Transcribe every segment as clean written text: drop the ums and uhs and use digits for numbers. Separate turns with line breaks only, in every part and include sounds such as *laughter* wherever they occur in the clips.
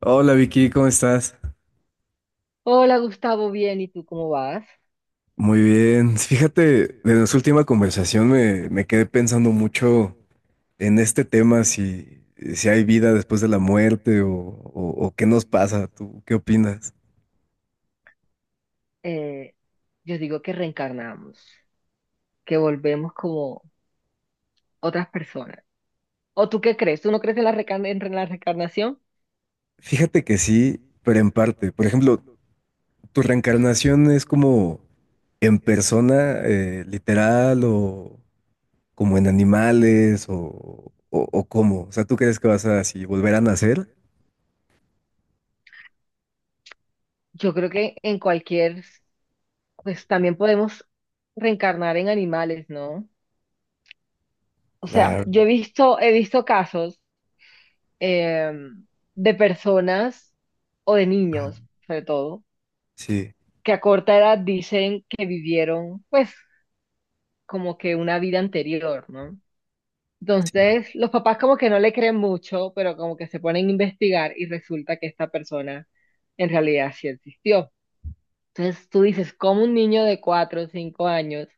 Hola Vicky, ¿cómo estás?
Hola Gustavo, bien, ¿y tú cómo vas?
Muy bien. Fíjate, de nuestra última conversación me quedé pensando mucho en este tema, si hay vida después de la muerte o qué nos pasa. ¿Tú qué opinas?
Eh, yo digo que reencarnamos, que volvemos como otras personas. ¿O tú qué crees? ¿Tú no crees en la, en la reencarnación?
Fíjate que sí, pero en parte. Por ejemplo, ¿tu reencarnación es como en persona, literal, o como en animales, o cómo? O sea, ¿tú crees que vas a así volver a nacer?
Yo creo que en cualquier, pues también podemos reencarnar en animales, ¿no? O sea,
Claro.
yo he visto casos em, de personas o de
Ajá.
niños, sobre todo,
Sí,
que a corta edad dicen que vivieron, pues, como que una vida anterior, ¿no?
sí,
Entonces, los papás como que no le creen mucho, pero como que se ponen a investigar y resulta que esta persona en realidad sí existió. Entonces, tú dices, ¿cómo un niño de 4 o 5 años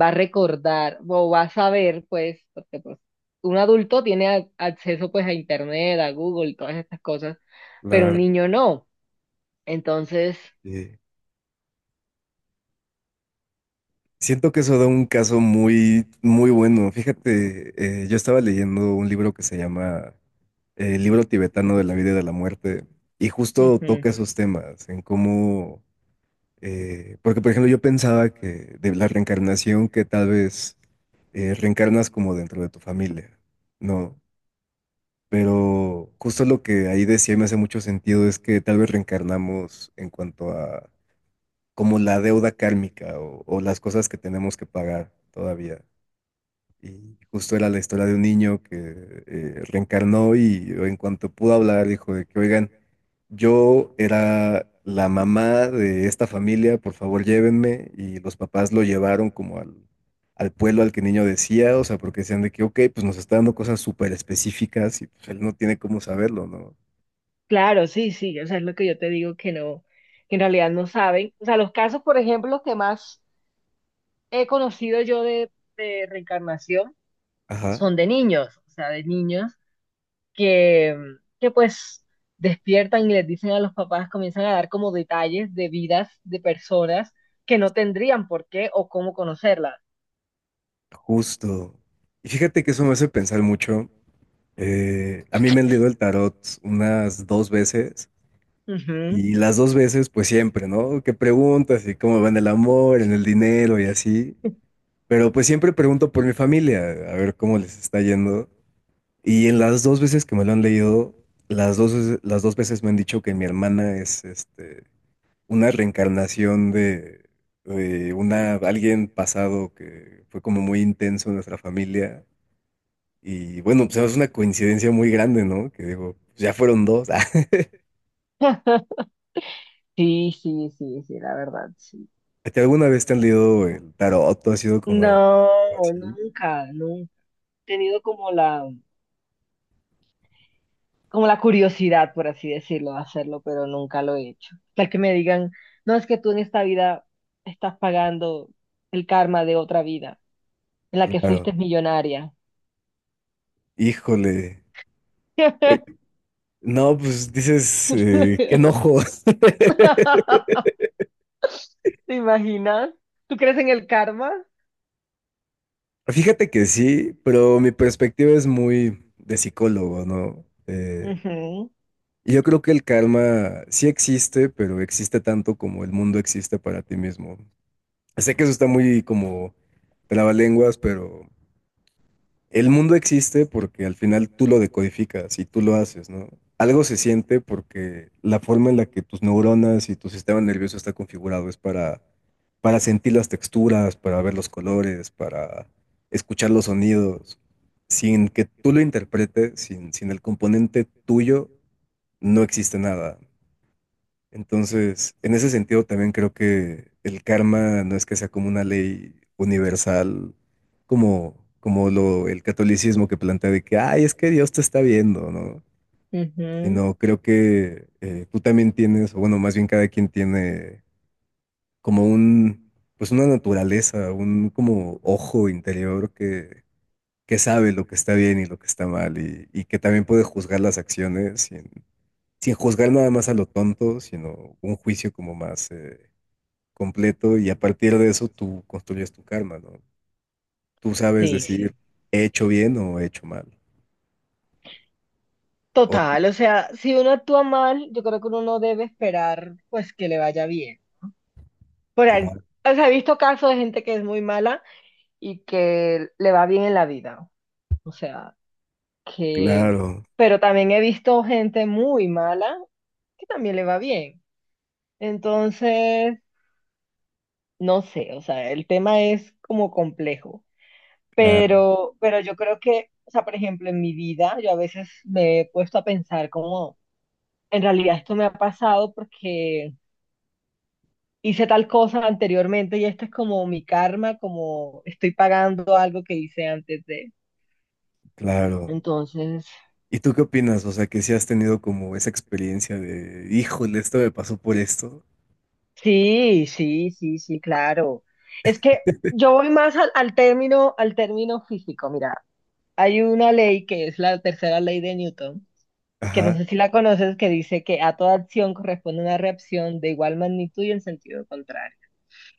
va a recordar o va a saber, pues? Porque pues, un adulto tiene acceso pues a Internet, a Google, todas estas cosas, pero un
claro.
niño no. Entonces,
Eh, Siento que eso da un caso muy, muy bueno. Fíjate, yo estaba leyendo un libro que se llama El libro tibetano de la vida y de la muerte, y justo
ujú.
toca esos temas, en cómo, porque por ejemplo yo pensaba que de la reencarnación, que tal vez reencarnas como dentro de tu familia, ¿no? Pero justo lo que ahí decía y me hace mucho sentido es que tal vez reencarnamos en cuanto a como la deuda kármica o las cosas que tenemos que pagar todavía. Y justo era la historia de un niño que reencarnó y en cuanto pudo hablar dijo de que, oigan, yo era la mamá de esta familia, por favor llévenme. Y los papás lo llevaron como al, al pueblo al que el niño decía, o sea, porque decían de que, ok, pues nos está dando cosas súper específicas y pues él no tiene cómo saberlo, ¿no?
Claro, sí, sí, o sea, es lo que yo te digo que no, que en realidad no saben. O sea, los casos, por ejemplo, que más he conocido yo de reencarnación
Ajá,
son de niños, o sea, de niños que, que pues despiertan y les dicen a los papás, comienzan a dar como detalles de vidas de personas que no tendrían por qué o cómo conocerlas.
justo. Y fíjate que eso me hace pensar mucho. A mí me han leído el tarot unas dos veces
Ujú.
y las dos veces pues siempre, ¿no? Que preguntas y cómo va en el amor, en el dinero y así. Pero pues siempre pregunto por mi familia, a ver cómo les está yendo. Y en las dos veces que me lo han leído, las dos veces me han dicho que mi hermana es este, una reencarnación de una, alguien pasado que fue como muy intenso en nuestra familia y bueno, pues es una coincidencia muy grande, ¿no? Que digo, pues, ya fueron dos. *laughs*
Sí, sí, sí, sí, la verdad, sí.
¿A ti alguna vez te han leído el tarot? ¿Tú has sido como
No,
así?
nunca, nunca he tenido como la curiosidad, por así decirlo, de hacerlo, pero nunca lo he hecho. Tal que me digan, no, es que tú en esta vida estás pagando el karma de otra vida, en la que
Claro.
fuiste millonaria.
Híjole. Oye,
*laughs*
no, pues dices, qué enojo. *laughs*
¿Te imaginas? ¿Tú crees en el karma?
Fíjate que sí, pero mi perspectiva es muy de psicólogo, ¿no?
Ujú,
Y yo creo que el karma sí existe, pero existe tanto como el mundo existe para ti mismo. Sé que eso está muy como trabalenguas, pero el mundo existe porque al final tú lo decodificas y tú lo haces, ¿no? Algo se siente porque la forma en la que tus neuronas y tu sistema nervioso está configurado es para sentir las texturas, para ver los colores, para escuchar los sonidos. Sin que tú lo interpretes, sin el componente tuyo, no existe nada. Entonces, en ese sentido también creo que el karma no es que sea como una ley universal, como el catolicismo que plantea de que, ay, es que Dios te está viendo, ¿no?
ujú.
Sino creo que tú también tienes, o bueno, más bien cada quien tiene como un, pues una naturaleza, un como ojo interior que sabe lo que está bien y lo que está mal y que también puede juzgar las acciones sin, sin juzgar nada más a lo tonto, sino un juicio como más... completo y a partir de eso tú construyes tu karma, ¿no? Tú sabes
Sí,
decir,
sí.
he hecho bien o he hecho mal. O tú-
Total, o sea, si uno actúa mal, yo creo que uno no debe esperar, pues, que le vaya bien. Por ahí,
claro,
o sea, he visto casos de gente que es muy mala y que le va bien en la vida. O sea, que...
claro,
Pero también he visto gente muy mala que también le va bien. Entonces, no sé, o sea, el tema es como complejo.
claro,
Pero yo creo que, o sea, por ejemplo, en mi vida, yo a veces me he puesto a pensar como, en realidad esto me ha pasado porque hice tal cosa anteriormente y este es como mi karma, como estoy pagando algo que hice antes de...
claro.
Entonces...
¿Y tú qué opinas? O sea, que si has tenido como esa experiencia de, híjole, esto me pasó por esto.
Sí, sí, sí, sí, claro. Es que yo voy más al, al término físico. Mira, hay una ley que es la tercera ley de Newton, que no
Ajá.
sé si la conoces, que dice que a toda acción corresponde una reacción de igual magnitud y en sentido contrario.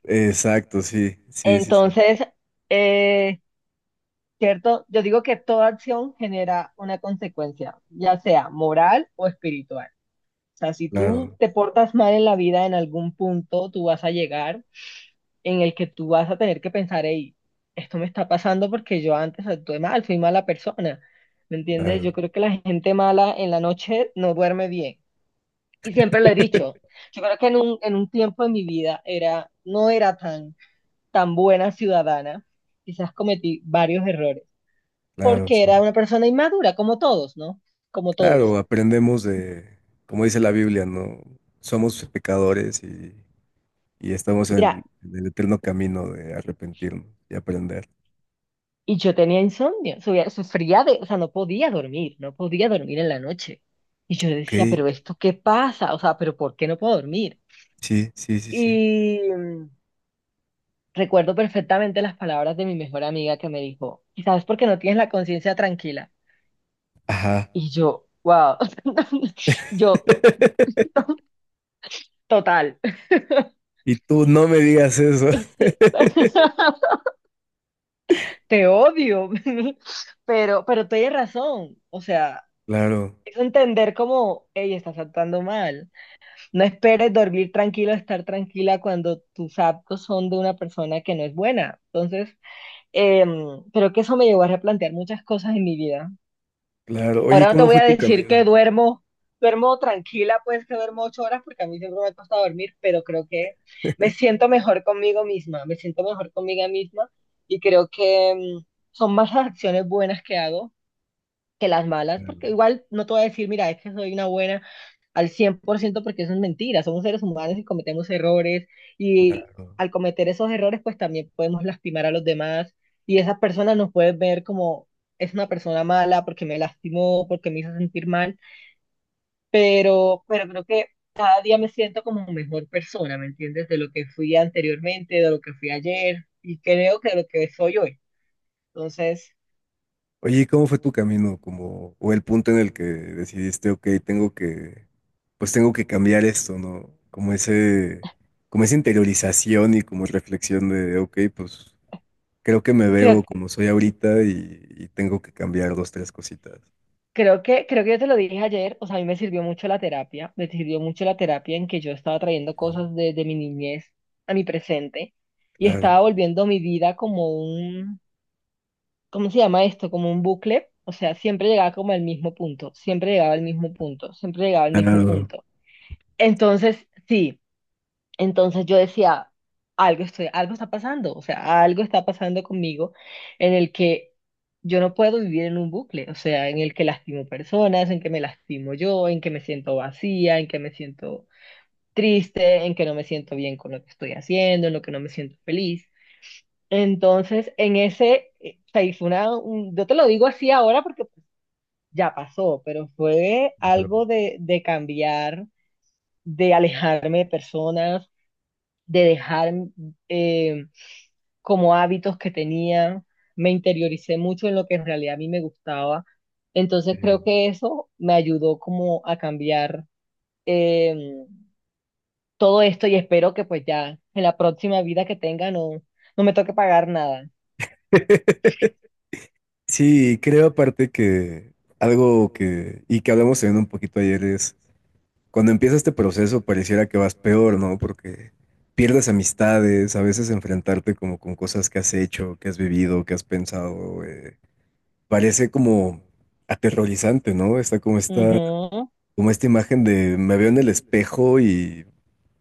Exacto, sí, sí, sí, sí.
Entonces, eh, cierto, yo digo que toda acción genera una consecuencia, ya sea moral o espiritual. O sea, si tú
Claro,
te portas mal en la vida en algún punto, tú vas a llegar en el que tú vas a tener que pensar, hey, esto me está pasando porque yo antes actué mal, fui mala persona. ¿Me entiendes? Yo
claro,
creo que la gente mala en la noche no duerme bien. Y siempre lo he dicho. Yo creo que en un tiempo de mi vida era, no era tan, tan buena ciudadana. Quizás cometí varios errores.
claro,
Porque
sí.
era una persona inmadura, como todos, ¿no? Como todos.
Claro, aprendemos de, como dice la Biblia, ¿no? Somos pecadores y estamos
Mira,
en el eterno camino de arrepentirnos y aprender.
y yo tenía insomnio, sufría de, o sea, no podía dormir, no podía dormir en la noche. Y yo
Ok,
decía, pero ¿esto qué pasa? O sea, pero ¿por qué no puedo dormir?
sí, sí, sí, sí.
Y recuerdo perfectamente las palabras de mi mejor amiga que me dijo, quizás porque no tienes la conciencia tranquila.
Ajá.
Y yo, wow, *laughs* yo,
*laughs*
total,
Y tú no me digas eso. *laughs*
*laughs* te odio, *laughs* pero tienes razón. O sea,
Claro,
es entender como, ella estás actuando mal. No esperes dormir tranquilo, estar tranquila cuando tus actos son de una persona que no es buena. Entonces, creo que eso me llevó a replantear muchas cosas en mi vida.
claro. Oye,
Ahora no te
¿cómo
voy
fue
a
tu
decir
camino?
que duermo, duermo tranquila, pues que duermo 8 horas, porque a mí siempre me ha costado dormir, pero creo que me
*laughs*
siento mejor conmigo misma, me siento mejor conmigo misma y creo que son más las acciones buenas que hago que las malas, porque
Claro,
igual no te voy a decir, mira, es que soy una buena al 100%, porque eso es mentira, somos seres humanos y cometemos errores y
claro.
al cometer esos errores pues también podemos lastimar a los demás y esas personas nos pueden ver como, es una persona mala porque me lastimó, porque me hizo sentir mal, pero creo que cada día me siento como mejor persona, ¿me entiendes? De lo que fui anteriormente, de lo que fui ayer y creo que de lo que soy hoy. Entonces,
Oye, ¿cómo fue tu camino? Como, o el punto en el que decidiste, ok, tengo que, pues tengo que cambiar esto, ¿no? Como ese, como esa interiorización y como reflexión de, ok, pues creo que me
creo
veo como soy ahorita y tengo que cambiar dos, tres cositas.
creo que, creo que yo te lo dije ayer, o sea, a mí me sirvió mucho la terapia, me sirvió mucho la terapia en que yo estaba trayendo
Mm.
cosas de mi niñez a mi presente y
Claro,
estaba volviendo mi vida como un, ¿cómo se llama esto? Como un bucle, o sea, siempre llegaba como al mismo punto, siempre llegaba al mismo punto, siempre llegaba al mismo
claro,
punto. Entonces, sí. Entonces yo decía, algo estoy, algo está pasando, o sea, algo está pasando conmigo en el que yo no puedo vivir en un bucle, o sea, en el que lastimo personas, en que me lastimo yo, en que me siento vacía, en que me siento triste, en que no me siento bien con lo que estoy haciendo, en lo que no me siento feliz. Entonces, en ese, o sea, y fue una, yo te lo digo así ahora porque pues, ya pasó, pero fue
claro.
algo de cambiar, de alejarme de personas, de dejar eh, como hábitos que tenía, me interioricé mucho en lo que en realidad a mí me gustaba. Entonces creo
Sí.
que eso me ayudó como a cambiar eh, todo esto y espero que pues ya en la próxima vida que tenga no, no me toque pagar nada.
*laughs* Sí, creo aparte que algo que, y que hablamos también un poquito ayer es, cuando empieza este proceso pareciera que vas peor, ¿no? Porque pierdes amistades, a veces enfrentarte como con cosas que has hecho, que has vivido, que has pensado, parece como aterrorizante, ¿no? Está
Ujú,
como esta imagen de me veo en el espejo y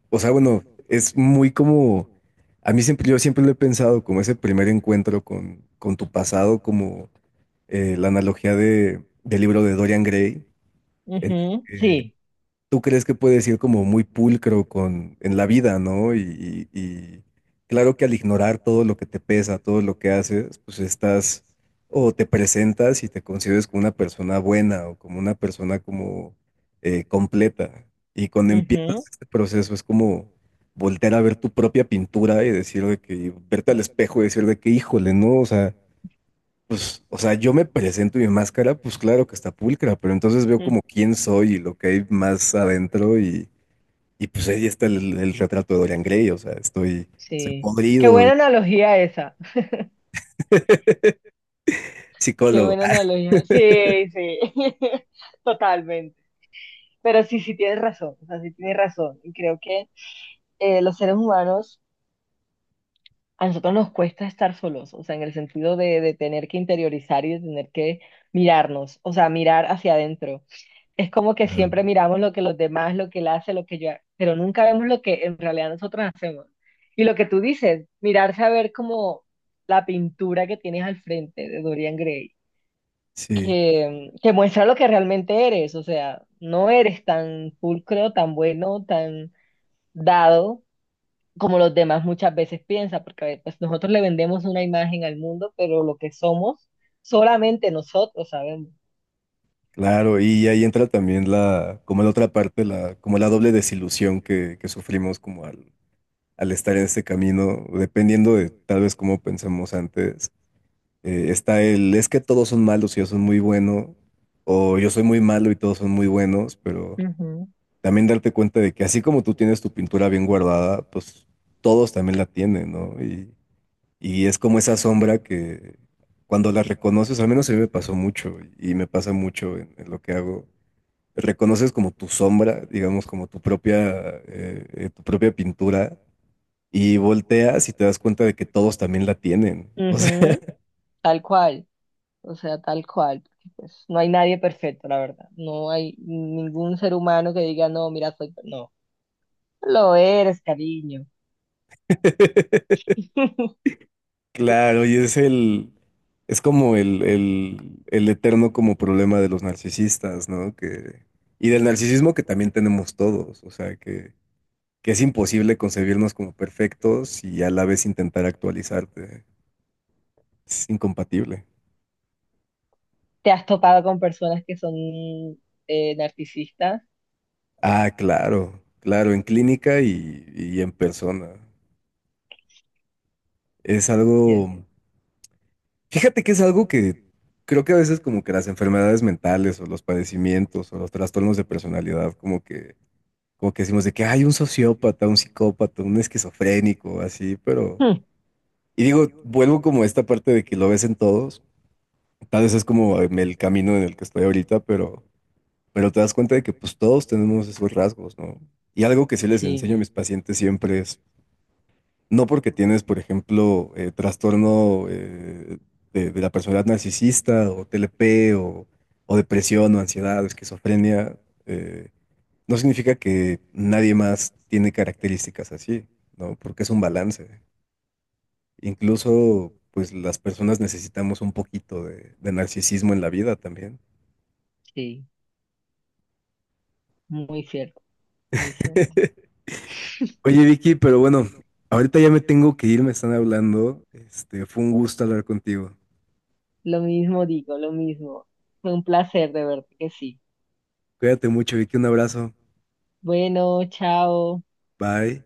o sea, bueno, es muy como, a mí siempre, yo siempre lo he pensado como ese primer encuentro con tu pasado, como la analogía de, del libro de Dorian Gray, en el
ujú,
que
sí,
tú crees que puedes ir como muy pulcro con, en la vida, ¿no? Y claro que al ignorar todo lo que te pesa, todo lo que haces, pues estás o te presentas y te consideras como una persona buena o como una persona como completa. Y cuando empiezas
ujú,
este proceso es como voltear a ver tu propia pintura y decir de que, verte al espejo y decir de que, híjole, ¿no? O sea, pues, o sea, yo me presento y mi máscara, pues claro que está pulcra, pero entonces veo
mm,
como quién soy y lo que hay más adentro y pues ahí está el retrato de Dorian Gray, o sea, estoy, estoy
sí. Qué
podrido,
buena
y-
analogía esa. Qué
psicólogo.
buena
Ah,
analogía. Sí, sí. *laughs* Totalmente. Pero sí, sí tienes razón, o sea, sí tienes razón. Y creo que los seres humanos, a nosotros nos cuesta estar solos, o sea, en el sentido de tener que interiorizar y de tener que mirarnos, o sea, mirar hacia adentro. Es como que siempre miramos lo que los demás, lo que él hace, lo que yo, pero nunca vemos lo que en realidad nosotros hacemos. Y lo que tú dices, mirarse a ver como la pintura que tienes al frente de Dorian Gray,
sí,
que muestra lo que realmente eres, o sea, no eres tan pulcro, tan bueno, tan dado como los demás muchas veces piensan, porque a ver, pues nosotros le vendemos una imagen al mundo, pero lo que somos, solamente nosotros sabemos.
claro, y ahí entra también la, como la otra parte, la, como la doble desilusión que sufrimos como al estar en este camino, dependiendo de tal vez cómo pensamos antes, está el, es que todos son malos y yo soy muy bueno, o yo soy muy malo y todos son muy buenos, pero
Ujú.
también darte cuenta de que así como tú tienes tu pintura bien guardada, pues todos también la tienen, ¿no? Y es como esa sombra que cuando la reconoces, al menos a mí me pasó mucho y me pasa mucho en lo que hago, reconoces como tu sombra, digamos, como tu propia pintura. Y volteas y te das cuenta de que todos también la tienen. O sea,
Ujú, tal cual, o sea, tal cual, porque, pues no hay nadie perfecto, la verdad. No hay ningún ser humano que diga, no, mira, soy... No, lo eres, cariño.
*laughs*
*laughs*
claro, y es el, es como el eterno como problema de los narcisistas, ¿no? Que, y del narcisismo que también tenemos todos, o sea, que es imposible concebirnos como perfectos y a la vez intentar actualizarte. Es incompatible.
¿Te has topado con personas que son narcisistas?
Ah, claro, claro, en clínica y en persona. Es
Yes.
algo, fíjate que es algo que creo que a veces como que las enfermedades mentales o los padecimientos o los trastornos de personalidad como que decimos de que hay un sociópata, un psicópata, un esquizofrénico, así, pero...
Hmm,
Y digo, vuelvo como a esta parte de que lo ves en todos, tal vez es como el camino en el que estoy ahorita, pero te das cuenta de que pues todos tenemos esos rasgos, ¿no? Y algo que sí les
sí,
enseño a mis pacientes siempre es, no porque tienes, por ejemplo, trastorno de la personalidad narcisista o TLP o depresión o ansiedad o esquizofrenia, eh, no significa que nadie más tiene características así, ¿no? Porque es un balance. Incluso, pues las personas necesitamos un poquito de narcisismo en la vida también.
sí, muy cierto, muy cierto.
*laughs* Oye, Vicky, pero bueno, ahorita ya me tengo que ir, me están hablando. Este, fue un gusto hablar contigo.
Lo mismo digo, lo mismo. Fue un placer de verte que sí.
Cuídate mucho, Vicky, un abrazo.
Bueno, chao.
Bye.